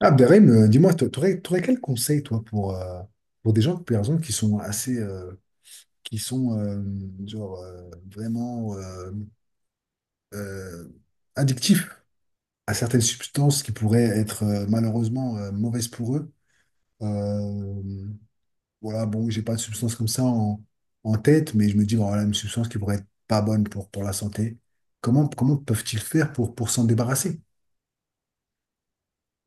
Ah, Abderrahim, dis-moi, tu aurais, quel conseil, toi, pour des gens, par exemple, qui sont assez, qui sont, genre, vraiment euh, addictifs à certaines substances qui pourraient être, malheureusement, mauvaises pour eux? Euh, voilà, bon, j'ai pas de substance comme ça en tête, mais je me dis, bon, voilà, une substance qui pourrait être pas bonne pour la santé. Comment peuvent-ils faire pour s'en débarrasser?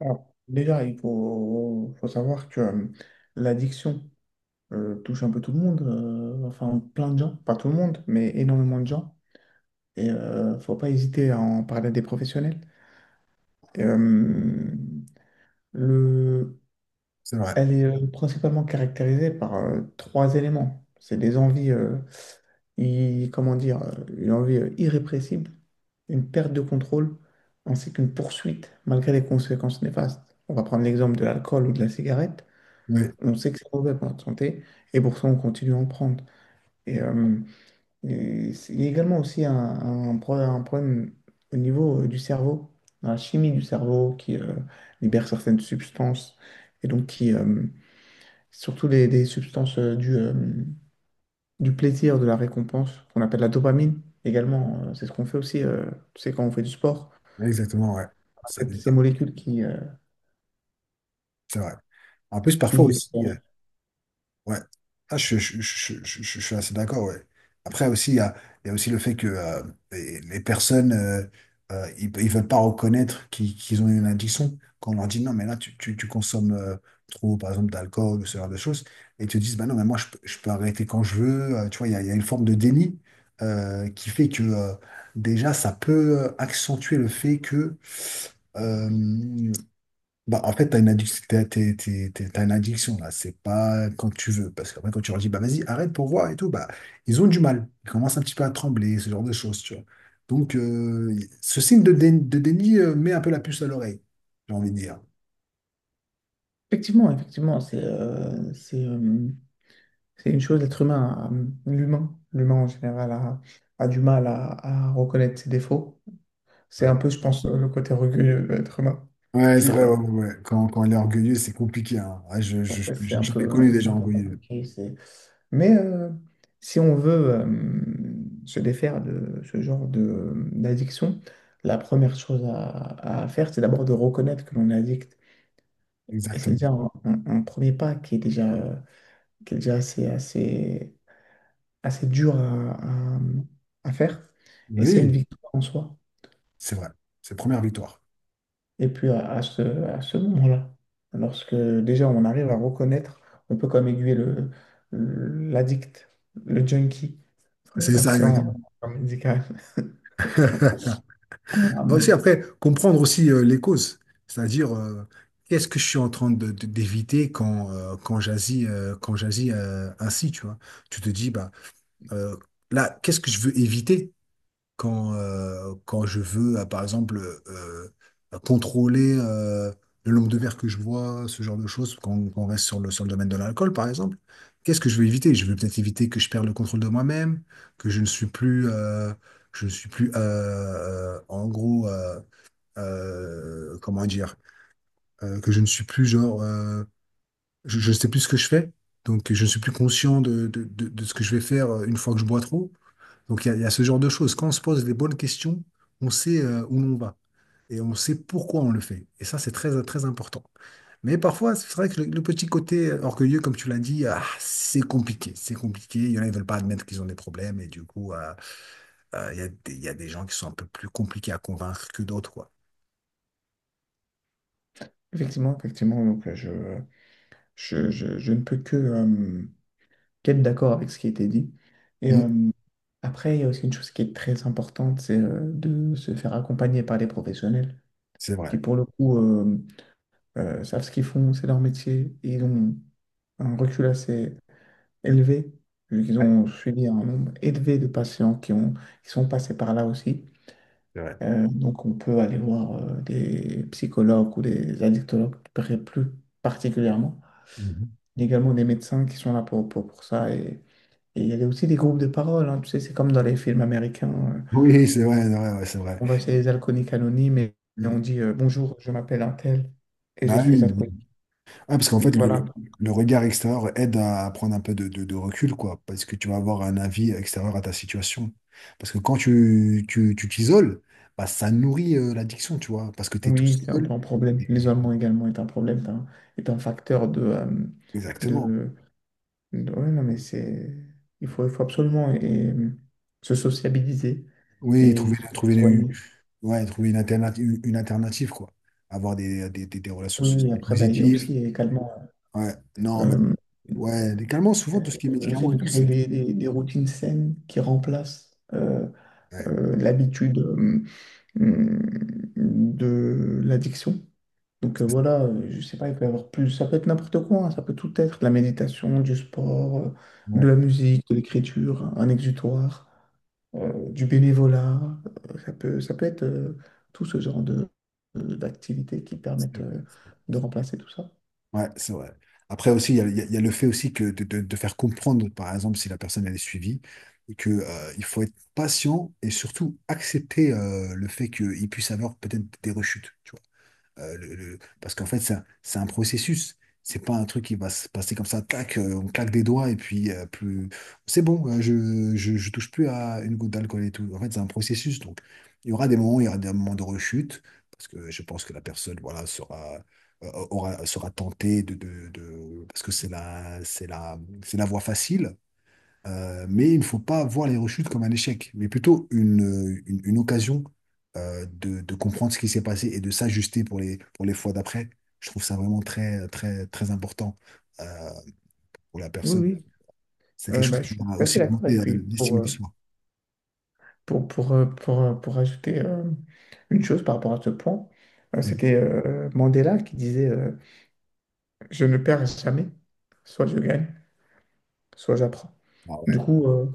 Alors, déjà, il faut savoir que l'addiction touche un peu tout le monde, enfin plein de gens, pas tout le monde, mais énormément de gens. Et faut pas hésiter à en parler à des professionnels. euh, le, C'est vrai. Elle est principalement caractérisée par trois éléments. C'est des envies, comment dire, une envie irrépressible, une perte de contrôle, ainsi qu'une poursuite malgré les conséquences néfastes. On va prendre l'exemple de l'alcool ou de la cigarette. Oui, On sait que c'est mauvais pour notre santé et pour ça, on continue à en prendre. Et, euh, et il y a également aussi un problème au niveau du cerveau, dans la chimie du cerveau qui libère certaines substances et donc qui, surtout des substances du plaisir, de la récompense, qu'on appelle la dopamine également. C'est ce qu'on fait aussi, tu sais, quand on fait du sport. exactement, ouais. Ça Ces molécules c'est vrai. En plus, parfois qui- aussi, qui- ouais. Je suis assez d'accord, ouais. Après aussi, il y a aussi le fait que les personnes, ils veulent pas reconnaître qu'ils ont une addiction. Quand on leur dit non, mais là, tu consommes trop, par exemple, d'alcool ou ce genre de choses, et ils te disent, bah non, mais moi, je peux arrêter quand je veux. Tu vois, il y a une forme de déni qui fait que déjà, ça peut accentuer le fait que euh, bah, en fait, tu as une addiction, t'as une addiction là, c'est pas quand tu veux. Parce qu'après, quand tu leur dis, bah vas-y, arrête pour voir et tout, bah ils ont du mal. Ils commencent un petit peu à trembler, ce genre de choses, tu vois. Donc, euh, ce signe de, de déni met un peu la puce à l'oreille, j'ai envie de dire. Effectivement, effectivement. C'est une chose, l'humain, l'humain en général a du mal à reconnaître ses défauts. C'est Ouais, un peu, je pense, le côté orgueilleux de l'être humain ouais, qui, c'est vrai, euh, ouais, ouais, ouais. Quand elle est orgueilleuse, c'est compliqué, hein. Ouais, en fait, j'en ai connu des c'est un gens peu orgueilleux. compliqué. Mais si on veut se défaire de ce genre de, d'addiction, la première chose à faire, c'est d'abord de reconnaître que l'on est addict. Et c'est Exactement. déjà un premier pas qui est déjà, qui est déjà assez dur à faire. Et c'est une Oui, victoire en soi. c'est vrai. C'est première victoire. Et puis à ce moment-là, lorsque déjà on arrive à reconnaître, on peut comme aiguiller le, l'addict, le junkie, le C'est ça. patient médical. Euh, Aussi, après, comprendre aussi les causes, c'est-à-dire qu'est-ce que je suis en train d'éviter quand, quand j'agis quand j'agis ainsi, tu vois. Tu te dis, bah, euh, là, qu'est-ce que je veux éviter quand, quand je veux, par exemple, euh, contrôler le nombre de verres que je bois, ce genre de choses, quand on reste sur sur le domaine de l'alcool, par exemple. Qu'est-ce que je veux éviter? Je veux peut-être éviter que je perde le contrôle de moi-même, que je ne suis je ne suis plus en gros, euh, comment dire, que je ne suis plus genre, je ne sais plus ce que je fais, donc je ne suis plus conscient de ce que je vais faire une fois que je bois trop. Donc il y a ce genre de choses. Quand on se pose les bonnes questions, on sait où l'on va et on sait pourquoi on le fait. Et ça, c'est très, très important. Mais parfois, c'est vrai que le petit côté orgueilleux, comme tu l'as dit, ah, c'est compliqué. C'est compliqué. Il y en a, ils ne veulent pas admettre qu'ils ont des problèmes. Et du coup, il y a il y a des gens qui sont un peu plus compliqués à convaincre que d'autres, quoi. Effectivement, effectivement, donc je ne peux que qu'être d'accord avec ce qui a été dit. Et euh, Mm. Après, il y a aussi une chose qui est très importante, c'est de se faire accompagner par des professionnels C'est qui, vrai. pour le coup, savent ce qu'ils font, c'est leur métier, et ils ont un recul assez élevé, vu qu'ils ont suivi un nombre élevé de patients qui ont, qui sont passés par là aussi. C'est vrai. Donc on peut aller voir des psychologues ou des addictologues plus particulièrement, Mhm. mais également des médecins qui sont là pour ça. Et il y a aussi des groupes de parole, hein, tu sais, c'est comme dans les films américains. Oui, c'est vrai, ouais, c'est vrai. On va chez les alcooliques anonymes et on Mm. dit bonjour, je m'appelle un tel et je Ah suis oui. alcoolique. Ah, parce qu'en fait, Voilà. Le regard extérieur aide à prendre un peu de, de recul, quoi, parce que tu vas avoir un avis extérieur à ta situation. Parce que quand tu t'isoles, bah, ça nourrit l'addiction, tu vois, parce que tu es tout Oui, c'est un seul. peu un problème. Et- L'isolement également est un problème, est un facteur exactement. de, de, ouais, non, mais c'est, il faut absolument et se sociabiliser Oui, et se faire soigner. ouais, trouver une alternative, quoi. Avoir des relations Oui, oui, sociales après, bah, il y a positives. aussi également Ouais, non, mais, euh, ouais, les calmants, euh, souvent, tout ce qui est le fait médicaments et de tout, créer c'est. des, des routines saines qui remplacent Ouais. L'habitude hum, de l'addiction. Donc voilà, je sais pas, il peut y avoir plus, ça peut être n'importe quoi, hein, ça peut tout être, de la méditation, du sport, de Ouais. la musique, de l'écriture, un exutoire, du bénévolat, ça peut être tout ce genre de, d'activités qui C'est permettent vrai, de c'est vrai. remplacer tout ça. Ouais, c'est vrai. Après aussi, il y a le fait aussi que de, de faire comprendre, par exemple, si la personne elle est suivie, et que, il faut être patient et surtout accepter le fait qu'il puisse avoir peut-être des rechutes, tu vois. Parce qu'en fait, c'est un processus. C'est pas un truc qui va se passer comme ça, tac, on claque des doigts et puis plus. C'est bon, je touche plus à une goutte d'alcool et tout. En fait, c'est un processus. Donc, il y aura des moments de rechute, parce que je pense que la personne, voilà, sera, sera tentée parce que c'est la voie facile. Mais il ne faut pas voir les rechutes comme un échec, mais plutôt une occasion de comprendre ce qui s'est passé et de s'ajuster pour pour les fois d'après. Je trouve ça vraiment très, très, très important euh, pour la Oui, personne. oui. C'est quelque Euh, chose bah, qui je suis va assez aussi d'accord. Et augmenter puis, l'estime de soi. Pour ajouter une chose par rapport à ce point, euh, Mhm. c'était euh, Mandela qui disait je ne perds jamais, soit je gagne, soit j'apprends. Ah Du ouais. coup, euh,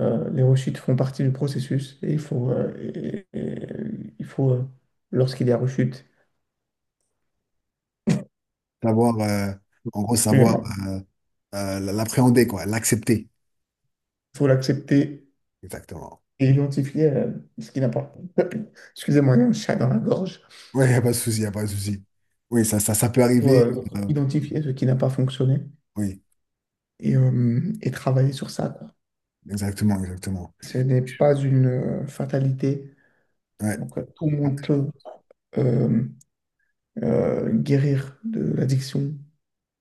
euh, les rechutes font partie du processus et il faut, il faut, lorsqu'il y a rechute, Savoir, en gros, savoir excusez-moi, l'appréhender, quoi, l'accepter. il faut l'accepter Exactement. et identifier ce qui n'a pas. Excusez-moi, il y a un chat dans la gorge. Oui, il n'y a pas de souci, il n'y a pas de souci. Oui, ça peut Il faut arriver. Euh, identifier ce qui n'a pas fonctionné oui, et travailler sur ça, quoi. exactement, exactement. Ce n'est pas une fatalité. Ouais, Donc, tout le monde peut euh, guérir de l'addiction,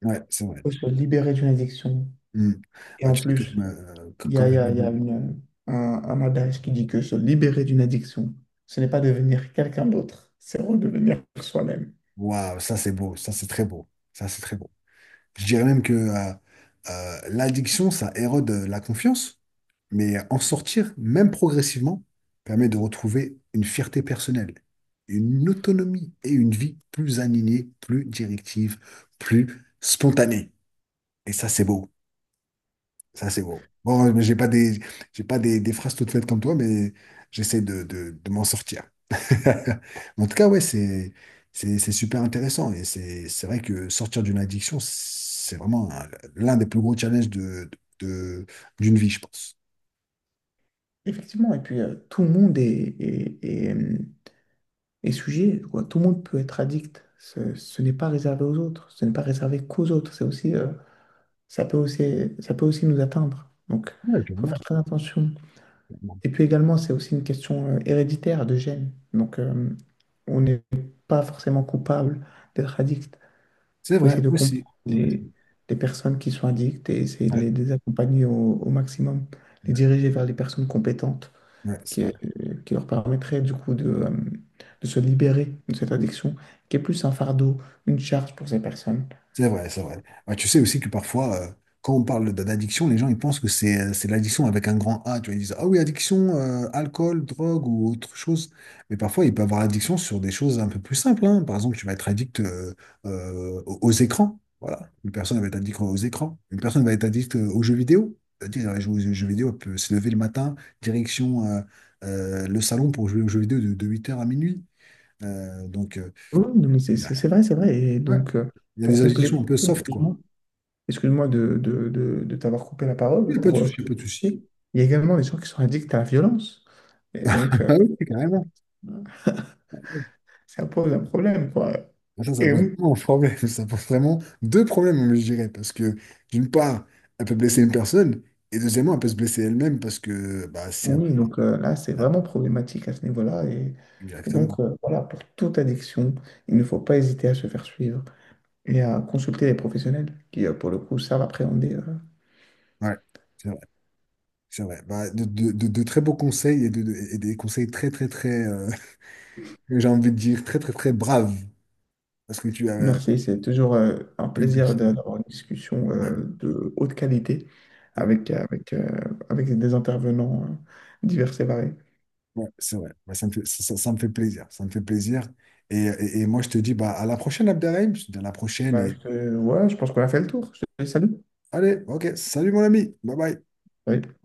ouais, c'est vrai. peut se libérer d'une addiction. Hmm. Et Bah, en tu sais, plus, comme, il y a, comme il y je l'ai a- il y a dit, une, un adage qui dit que se libérer d'une addiction, ce n'est pas devenir quelqu'un d'autre, c'est redevenir soi-même. waouh, ça c'est beau, ça c'est très beau, ça c'est très beau. Je dirais même que l'addiction, ça érode la confiance, mais en sortir, même progressivement, permet de retrouver une fierté personnelle, une autonomie et une vie plus alignée, plus directive, plus spontanée. Et ça c'est beau, ça c'est beau. Bon, mais j'ai pas des, des phrases toutes faites comme toi, mais j'essaie de m'en sortir. En tout cas, ouais, c'est super intéressant. Et c'est vrai que sortir d'une addiction, c'est vraiment l'un des plus gros challenges de, de- d'une vie, je pense. Effectivement, et puis tout le monde est sujet, quoi. Tout le monde peut être addict. Ce n'est pas réservé aux autres, ce n'est pas réservé qu'aux autres. C'est aussi ça peut aussi, ça peut aussi nous atteindre. Donc, Ouais, il faut faire clairement, très attention. clairement. Et puis également, c'est aussi une question héréditaire de gènes. Donc, on n'est pas forcément coupable d'être addict. C'est Il faut vrai essayer de aussi. comprendre Ouais, les personnes qui sont addictes et essayer ouais, de les accompagner au, au maximum, les ouais, diriger vers les personnes compétentes ouais, c'est qui, vrai. euh, qui leur permettraient du coup de de se libérer de cette addiction, qui est plus un fardeau, une charge pour ces personnes. C'est vrai, c'est vrai. Ouais, tu sais aussi que parfois, quand on parle d'addiction, les gens ils pensent que c'est l'addiction avec un grand A. Tu vois, ils disent, ah oui, addiction, alcool, drogue ou autre chose. Mais parfois, il peut avoir addiction sur des choses un peu plus simples, hein. Par exemple, tu vas être addict aux aux écrans. Voilà. Une personne va être addict aux écrans. Une personne va être addict aux jeux vidéo. C'est-à-dire, elle joue aux jeux vidéo, elle peut se lever le matin, direction le salon pour jouer aux jeux vidéo de 8h à minuit. Euh, donc, euh, Oui, oui, non, mais c'est il y a c'est- c'est vrai, c'est vrai. Et ouais, donc, il y a pour des compléter, addictions un peu soft, quoi. excuse-moi, excuse-moi de t'avoir coupé la Il n'y parole, a pas de pour, souci, il y a pas de il souci. y a également des gens qui sont addicts à la violence. Et donc, Ah oui, carrément. ça pose un problème, quoi. Ah, ça Et pose oui, vraiment un problème. Ça pose vraiment deux problèmes, moi, je dirais. Parce que, d'une part, elle peut blesser une personne. Et deuxièmement, elle peut se blesser elle-même parce que, bah, c'est. Un- oui, donc là, c'est ah, vraiment problématique à ce niveau-là. Et donc, exactement. Voilà, pour toute addiction, il ne faut pas hésiter à se faire suivre et à consulter les professionnels qui, pour le coup, savent appréhender. Ouais, c'est vrai. C'est vrai. Bah, de, de très beaux conseils et, de, et des conseils très, très, très. J'ai envie de dire très, très, très braves. Parce que tu as. Merci, c'est toujours un T'es une plaisir personne. d'avoir une discussion Ouais. De haute qualité Ouais. avec, avec, euh, avec des intervenants divers et variés. Ouais, c'est vrai. Bah, ça me fait, ça me fait plaisir. Ça me fait plaisir. Et moi, je te dis bah, à la prochaine, Abderrahim. Je te dis à la prochaine. Bah, Et voilà, je pense qu'on a fait le tour. Je te salue. allez, ok. Salut, mon ami. Bye bye. Salut.